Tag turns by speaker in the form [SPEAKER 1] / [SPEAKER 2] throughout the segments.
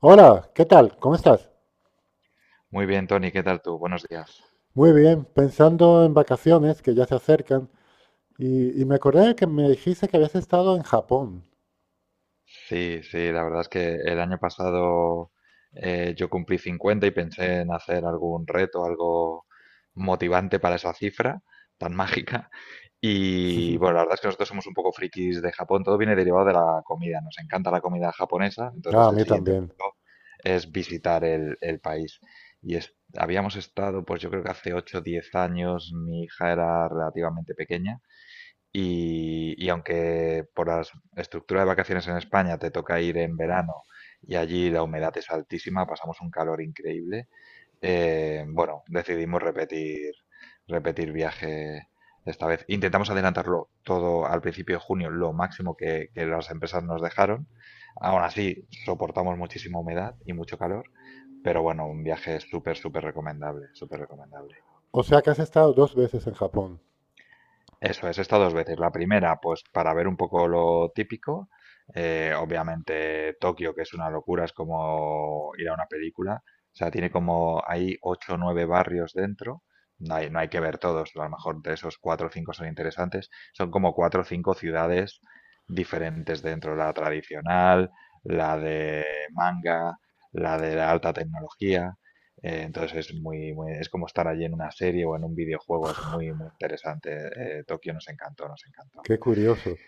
[SPEAKER 1] Hola, ¿qué tal? ¿Cómo estás?
[SPEAKER 2] Muy bien, Tony, ¿qué tal tú? Buenos días.
[SPEAKER 1] Muy bien, pensando en vacaciones que ya se acercan y me acordé que me dijiste que habías estado en Japón.
[SPEAKER 2] Sí, sí, la verdad es que el año pasado yo cumplí 50 y pensé en hacer algún reto, algo motivante para esa cifra tan mágica. Y bueno, la verdad es que nosotros somos un poco frikis de Japón, todo viene derivado de la comida, nos encanta la comida japonesa,
[SPEAKER 1] Ah,
[SPEAKER 2] entonces
[SPEAKER 1] a
[SPEAKER 2] el
[SPEAKER 1] mí
[SPEAKER 2] siguiente
[SPEAKER 1] también.
[SPEAKER 2] paso es visitar el país. Habíamos estado, pues yo creo que hace 8 o 10 años, mi hija era relativamente pequeña. Y aunque por la estructura de vacaciones en España te toca ir en verano y allí la humedad es altísima, pasamos un calor increíble. Bueno, decidimos repetir, viaje esta vez. Intentamos adelantarlo todo al principio de junio, lo máximo que, las empresas nos dejaron. Aún así, soportamos muchísima humedad y mucho calor, pero bueno, un viaje súper, súper recomendable, súper recomendable.
[SPEAKER 1] O sea que has estado dos veces en Japón.
[SPEAKER 2] Eso es, he dos veces. La primera, pues para ver un poco lo típico. Obviamente Tokio, que es una locura, es como ir a una película. O sea, tiene como, hay ocho o nueve barrios dentro. No hay que ver todos, a lo mejor de esos cuatro o cinco son interesantes. Son como cuatro o cinco ciudades diferentes dentro. La tradicional, la de manga, la de la alta tecnología. Entonces es como estar allí en una serie o en un videojuego, es muy, muy interesante. Tokio nos encantó, nos encantó.
[SPEAKER 1] Qué curioso.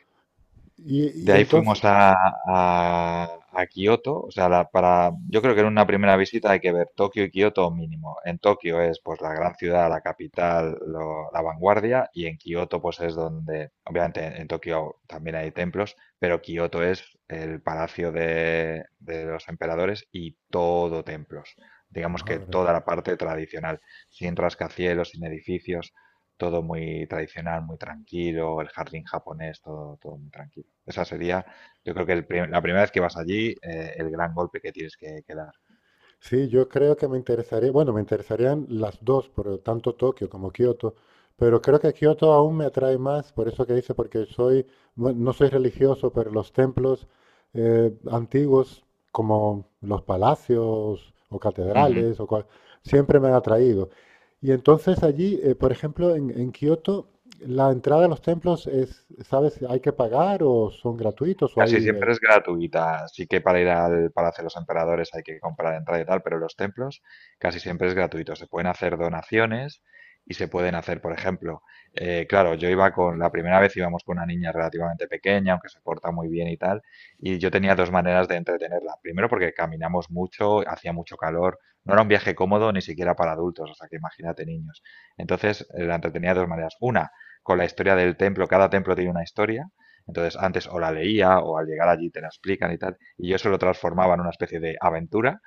[SPEAKER 1] Y,
[SPEAKER 2] De
[SPEAKER 1] y
[SPEAKER 2] ahí
[SPEAKER 1] entonces,
[SPEAKER 2] fuimos a Kioto. O sea, para, yo creo que en una primera visita hay que ver Tokio y Kioto mínimo. En Tokio es pues la gran ciudad, la capital, la vanguardia, y en Kioto pues es donde, obviamente Tokio también hay templos, pero Kioto es el palacio de los emperadores y todo templos. Digamos que
[SPEAKER 1] madre.
[SPEAKER 2] toda la parte tradicional, sin rascacielos, sin edificios, todo muy tradicional, muy tranquilo, el jardín japonés, todo, todo muy tranquilo. Esa sería, yo creo que la primera vez que vas allí, el gran golpe que tienes que, dar.
[SPEAKER 1] Sí, yo creo que me interesaría, bueno, me interesarían las dos, por tanto Tokio como Kioto, pero creo que Kioto aún me atrae más, por eso que dice, porque soy, bueno, no soy religioso, pero los templos antiguos, como los palacios o catedrales, siempre me han atraído. Y entonces allí, por ejemplo, en Kioto, la entrada a los templos es, ¿sabes? ¿Hay que pagar o son gratuitos o
[SPEAKER 2] Casi
[SPEAKER 1] hay
[SPEAKER 2] siempre
[SPEAKER 1] de...
[SPEAKER 2] es gratuita, sí que para ir al Palacio de los Emperadores hay que comprar entrada y tal, pero los templos casi siempre es gratuito. Se pueden hacer donaciones y se pueden hacer, por ejemplo, claro, yo iba con, la primera vez íbamos con una niña relativamente pequeña, aunque se porta muy bien y tal, y yo tenía dos maneras de entretenerla. Primero porque caminamos mucho, hacía mucho calor, no era un viaje cómodo ni siquiera para adultos, o sea que imagínate niños. Entonces la entretenía de dos maneras. Una, con la historia del templo, cada templo tiene una historia, entonces, antes o la leía o al llegar allí te la explican y tal, y yo eso lo transformaba en una especie de aventura,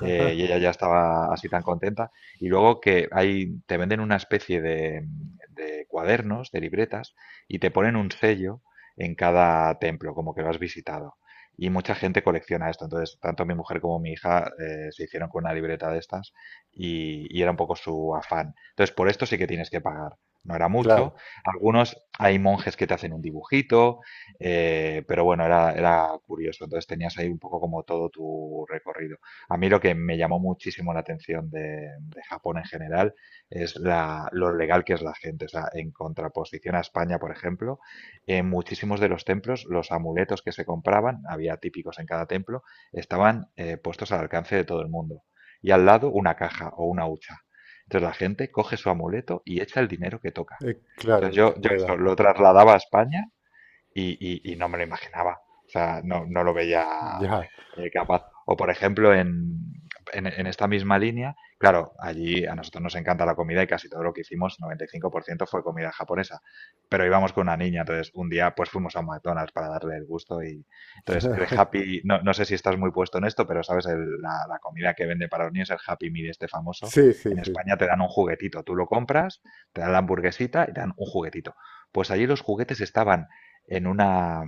[SPEAKER 2] y ella ya estaba así tan contenta. Y luego que ahí te venden una especie de cuadernos, de libretas, y te ponen un sello en cada templo, como que lo has visitado. Y mucha gente colecciona esto. Entonces, tanto mi mujer como mi hija se hicieron con una libreta de estas y era un poco su afán. Entonces, por esto sí que tienes que pagar. No era
[SPEAKER 1] Claro,
[SPEAKER 2] mucho. Algunos hay monjes que te hacen un dibujito, pero bueno, era, era curioso. Entonces tenías ahí un poco como todo tu recorrido. A mí lo que me llamó muchísimo la atención de Japón en general es la, lo legal que es la gente. O sea, en contraposición a España, por ejemplo, en muchísimos de los templos, los amuletos que se compraban, había típicos en cada templo, estaban puestos al alcance de todo el mundo. Y al lado una caja o una hucha. Entonces la gente coge su amuleto y echa el dinero que toca.
[SPEAKER 1] claro,
[SPEAKER 2] Entonces
[SPEAKER 1] el que
[SPEAKER 2] yo eso
[SPEAKER 1] pueda.
[SPEAKER 2] lo trasladaba a España y no me lo imaginaba. O sea, no, no lo veía
[SPEAKER 1] Ya.
[SPEAKER 2] capaz. O por ejemplo, en esta misma línea, claro, allí a nosotros nos encanta la comida y casi todo lo que hicimos, 95% fue comida japonesa. Pero íbamos con una niña, entonces un día pues fuimos a un McDonald's para darle el gusto y entonces el Happy, no, no sé si estás muy puesto en esto, pero sabes, la comida que vende para los niños, el Happy Meal este famoso,
[SPEAKER 1] Sí, sí,
[SPEAKER 2] en
[SPEAKER 1] sí.
[SPEAKER 2] España te dan un juguetito, tú lo compras, te dan la hamburguesita y te dan un juguetito. Pues allí los juguetes estaban en, una,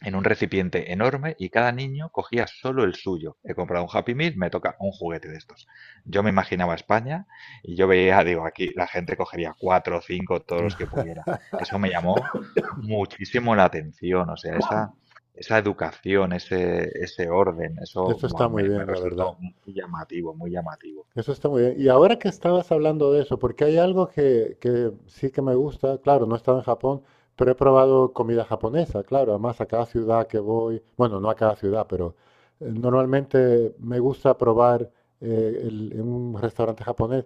[SPEAKER 2] en un recipiente enorme y cada niño cogía solo el suyo. He comprado un Happy Meal, me toca un juguete de estos. Yo me imaginaba España y yo veía, digo, aquí la gente cogería cuatro o cinco, todos los que pudiera. Eso me llamó muchísimo la atención. O sea, esa educación, ese orden, eso
[SPEAKER 1] Eso está
[SPEAKER 2] buah,
[SPEAKER 1] muy
[SPEAKER 2] me
[SPEAKER 1] bien, la verdad.
[SPEAKER 2] resultó muy llamativo, muy llamativo,
[SPEAKER 1] Eso está muy bien. Y
[SPEAKER 2] muy
[SPEAKER 1] ahora que
[SPEAKER 2] llamativo.
[SPEAKER 1] estabas hablando de eso, porque hay algo que sí que me gusta, claro, no he estado en Japón, pero he probado comida japonesa, claro. Además, a cada ciudad que voy, bueno, no a cada ciudad, pero normalmente me gusta probar en un restaurante japonés.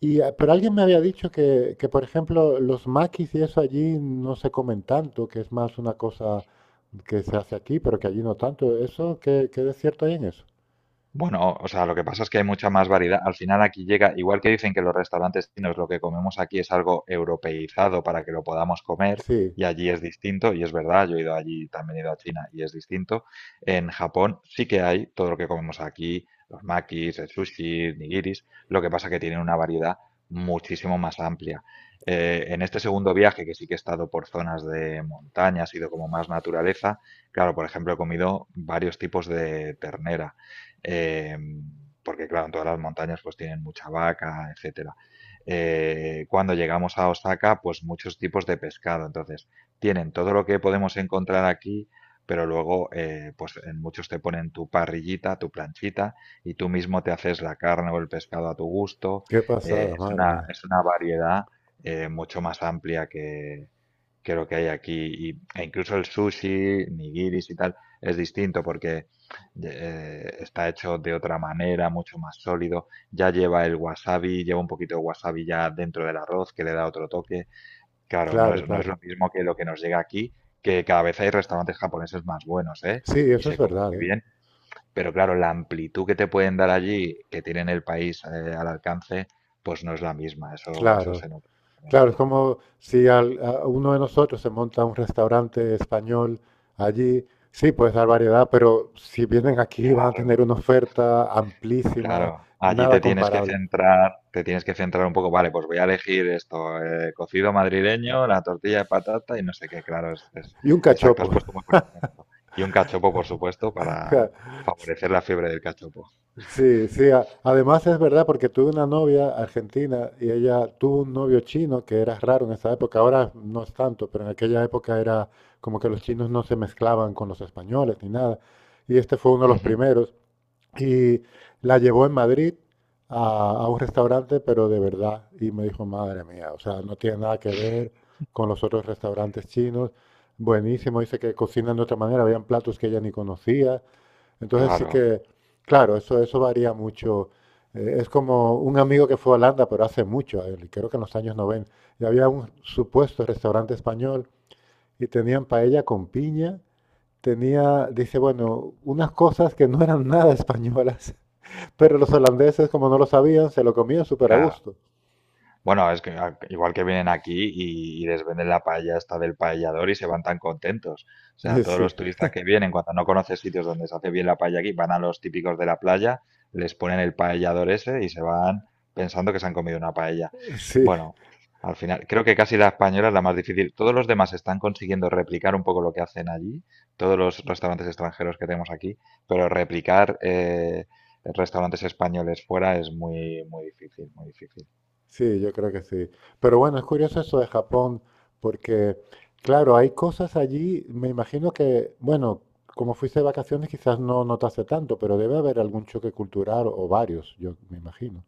[SPEAKER 1] Y, pero alguien me había dicho que, por ejemplo, los makis y eso allí no se comen tanto, que es más una cosa que se hace aquí, pero que allí no tanto. ¿Eso qué de cierto hay en eso?
[SPEAKER 2] Bueno, o sea, lo que pasa es que hay mucha más variedad. Al final aquí llega, igual que dicen que los restaurantes chinos lo que comemos aquí es algo europeizado para que lo podamos comer,
[SPEAKER 1] Sí,
[SPEAKER 2] y allí es distinto, y es verdad, yo he ido allí, también he ido a China y es distinto. En Japón sí que hay todo lo que comemos aquí, los makis, el sushi, nigiris, lo que pasa que tienen una variedad muchísimo más amplia. En este segundo viaje, que sí que he estado por zonas de montaña, ha sido como más naturaleza, claro, por ejemplo, he comido varios tipos de ternera, eh, porque claro, en todas las montañas pues tienen mucha vaca, etcétera. Cuando llegamos a Osaka, pues muchos tipos de pescado. Entonces, tienen todo lo que podemos encontrar aquí, pero luego, pues en muchos te ponen tu parrillita, tu planchita, y tú mismo te haces la carne o el pescado a tu gusto.
[SPEAKER 1] qué pasada, madre mía.
[SPEAKER 2] Es una variedad mucho más amplia que, lo que hay aquí. E incluso el sushi, nigiris y tal, es distinto porque está hecho de otra manera, mucho más sólido. Ya lleva el wasabi, lleva un poquito de wasabi ya dentro del arroz que le da otro toque. Claro, no
[SPEAKER 1] Claro,
[SPEAKER 2] es, no es
[SPEAKER 1] claro.
[SPEAKER 2] lo mismo que lo que nos llega aquí, que cada vez hay restaurantes japoneses más buenos, ¿eh?
[SPEAKER 1] Sí,
[SPEAKER 2] Y
[SPEAKER 1] eso es
[SPEAKER 2] se comen
[SPEAKER 1] verdad,
[SPEAKER 2] muy
[SPEAKER 1] ¿eh?
[SPEAKER 2] bien. Pero claro, la amplitud que te pueden dar allí, que tienen el país al alcance, pues no es la misma. Eso
[SPEAKER 1] Claro,
[SPEAKER 2] se nota. La
[SPEAKER 1] claro, es
[SPEAKER 2] diferencia.
[SPEAKER 1] como si a uno de nosotros se monta un restaurante español allí, sí, puedes dar variedad, pero si vienen aquí van a tener
[SPEAKER 2] Claro,
[SPEAKER 1] una oferta amplísima,
[SPEAKER 2] claro, allí
[SPEAKER 1] nada
[SPEAKER 2] te tienes que
[SPEAKER 1] comparable.
[SPEAKER 2] centrar, te tienes que centrar un poco, vale, pues voy a elegir esto, cocido madrileño, la tortilla de patata y no sé qué, claro,
[SPEAKER 1] Y un
[SPEAKER 2] exacto,
[SPEAKER 1] cachopo.
[SPEAKER 2] has puesto muy buen ejemplo. Y un cachopo, por supuesto, para favorecer la fiebre del cachopo.
[SPEAKER 1] Sí, sí. Además es verdad porque tuve una novia argentina y ella tuvo un novio chino que era raro en esa época. Ahora no es tanto, pero en aquella época era como que los chinos no se mezclaban con los españoles ni nada. Y este fue uno de los
[SPEAKER 2] Ujú.
[SPEAKER 1] primeros. Y la llevó en Madrid a un restaurante, pero de verdad. Y me dijo, madre mía, o sea, no tiene nada que ver con los otros restaurantes chinos. Buenísimo, dice que cocinan de otra manera, habían platos que ella ni conocía. Entonces sí
[SPEAKER 2] Claro,
[SPEAKER 1] que, claro, eso varía mucho. Es como un amigo que fue a Holanda, pero hace mucho, a creo que en los años 90, y había un supuesto restaurante español y tenían paella con piña, tenía, dice, bueno, unas cosas que no eran nada españolas, pero los holandeses, como no lo sabían, se lo comían súper a
[SPEAKER 2] claro.
[SPEAKER 1] gusto.
[SPEAKER 2] Bueno, es que igual que vienen aquí y les venden la paella esta del paellador y se van tan contentos. O sea, todos
[SPEAKER 1] Sí,
[SPEAKER 2] los turistas que vienen, cuando no conocen sitios donde se hace bien la paella aquí, van a los típicos de la playa, les ponen el paellador ese y se van pensando que se han comido una paella.
[SPEAKER 1] sí.
[SPEAKER 2] Bueno, al final, creo que casi la española es la más difícil. Todos los demás están consiguiendo replicar un poco lo que hacen allí, todos los restaurantes extranjeros que tenemos aquí, pero replicar restaurantes españoles fuera es muy, muy difícil, muy difícil.
[SPEAKER 1] Sí, yo creo que sí. Pero bueno, es curioso eso de Japón, porque, claro, hay cosas allí, me imagino que, bueno, como fuiste de vacaciones quizás no notaste tanto, pero debe haber algún choque cultural o varios, yo me imagino.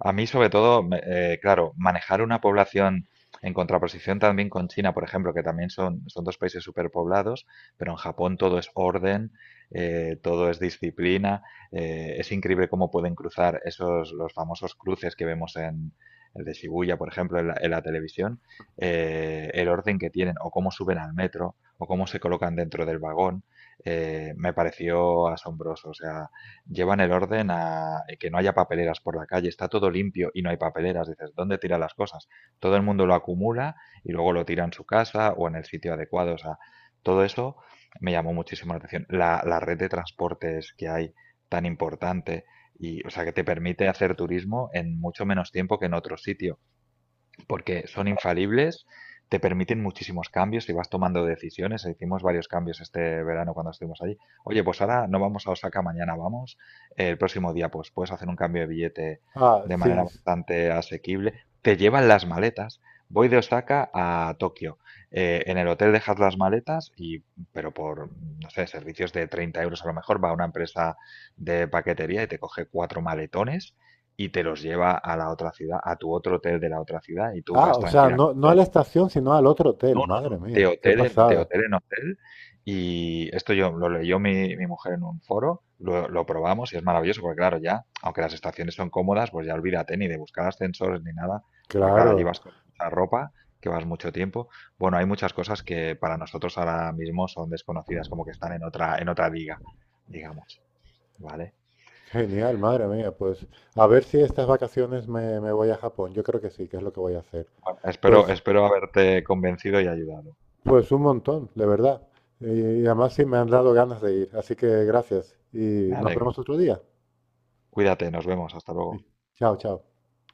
[SPEAKER 2] A mí, sobre todo, claro, manejar una población en contraposición también con China, por ejemplo, que también son, son dos países superpoblados, pero en Japón todo es orden, todo es disciplina. Es increíble cómo pueden cruzar esos, los famosos cruces que vemos en el de Shibuya, por ejemplo, en la televisión, el orden que tienen, o cómo suben al metro, o cómo se colocan dentro del vagón, me pareció asombroso. O sea, llevan el orden a que no haya papeleras por la calle, está todo limpio y no hay papeleras, dices, ¿dónde tiran las cosas? Todo el mundo lo acumula y luego lo tira en su casa o en el sitio adecuado, o sea, todo eso me llamó muchísimo la atención. La red de transportes que hay tan importante y, o sea, que te permite hacer turismo en mucho menos tiempo que en otro sitio porque son infalibles, te permiten muchísimos cambios y vas tomando decisiones. Hicimos varios cambios este verano cuando estuvimos allí. Oye, pues ahora no vamos a Osaka, mañana vamos. El próximo día, pues puedes hacer un cambio de billete
[SPEAKER 1] Ah,
[SPEAKER 2] de manera
[SPEAKER 1] Sings.
[SPEAKER 2] bastante asequible. Te llevan las maletas. Voy de Osaka a Tokio. En el hotel dejas las maletas y, pero por, no sé, servicios de 30 € a lo mejor va a una empresa de paquetería y te coge cuatro maletones y te los lleva a la otra ciudad, a tu otro hotel de la otra ciudad, y tú
[SPEAKER 1] Ah,
[SPEAKER 2] vas
[SPEAKER 1] o sea, no, no a la
[SPEAKER 2] tranquilamente.
[SPEAKER 1] estación, sino al otro hotel,
[SPEAKER 2] No, no,
[SPEAKER 1] madre
[SPEAKER 2] no, de
[SPEAKER 1] mía, qué
[SPEAKER 2] hotel de
[SPEAKER 1] pasada.
[SPEAKER 2] hotel, en hotel. Y esto yo lo leyó mi mujer en un foro, lo probamos y es maravilloso, porque claro, ya, aunque las estaciones son cómodas, pues ya olvídate ni de buscar ascensores ni nada, porque claro, allí
[SPEAKER 1] Claro,
[SPEAKER 2] vas con mucha ropa, que vas mucho tiempo. Bueno, hay muchas cosas que para nosotros ahora mismo son desconocidas, como que están en otra liga, digamos, ¿vale?
[SPEAKER 1] genial, madre mía, pues a ver si estas vacaciones me voy a Japón, yo creo que sí, que es lo que voy a hacer.
[SPEAKER 2] Bueno, espero,
[SPEAKER 1] Pues
[SPEAKER 2] haberte convencido y ayudado.
[SPEAKER 1] Pues un montón, de verdad. Y además sí me han dado ganas de ir. Así que gracias. Y
[SPEAKER 2] Me
[SPEAKER 1] nos
[SPEAKER 2] alegro.
[SPEAKER 1] vemos otro día.
[SPEAKER 2] Cuídate, nos vemos, hasta
[SPEAKER 1] Sí.
[SPEAKER 2] luego.
[SPEAKER 1] Chao, chao.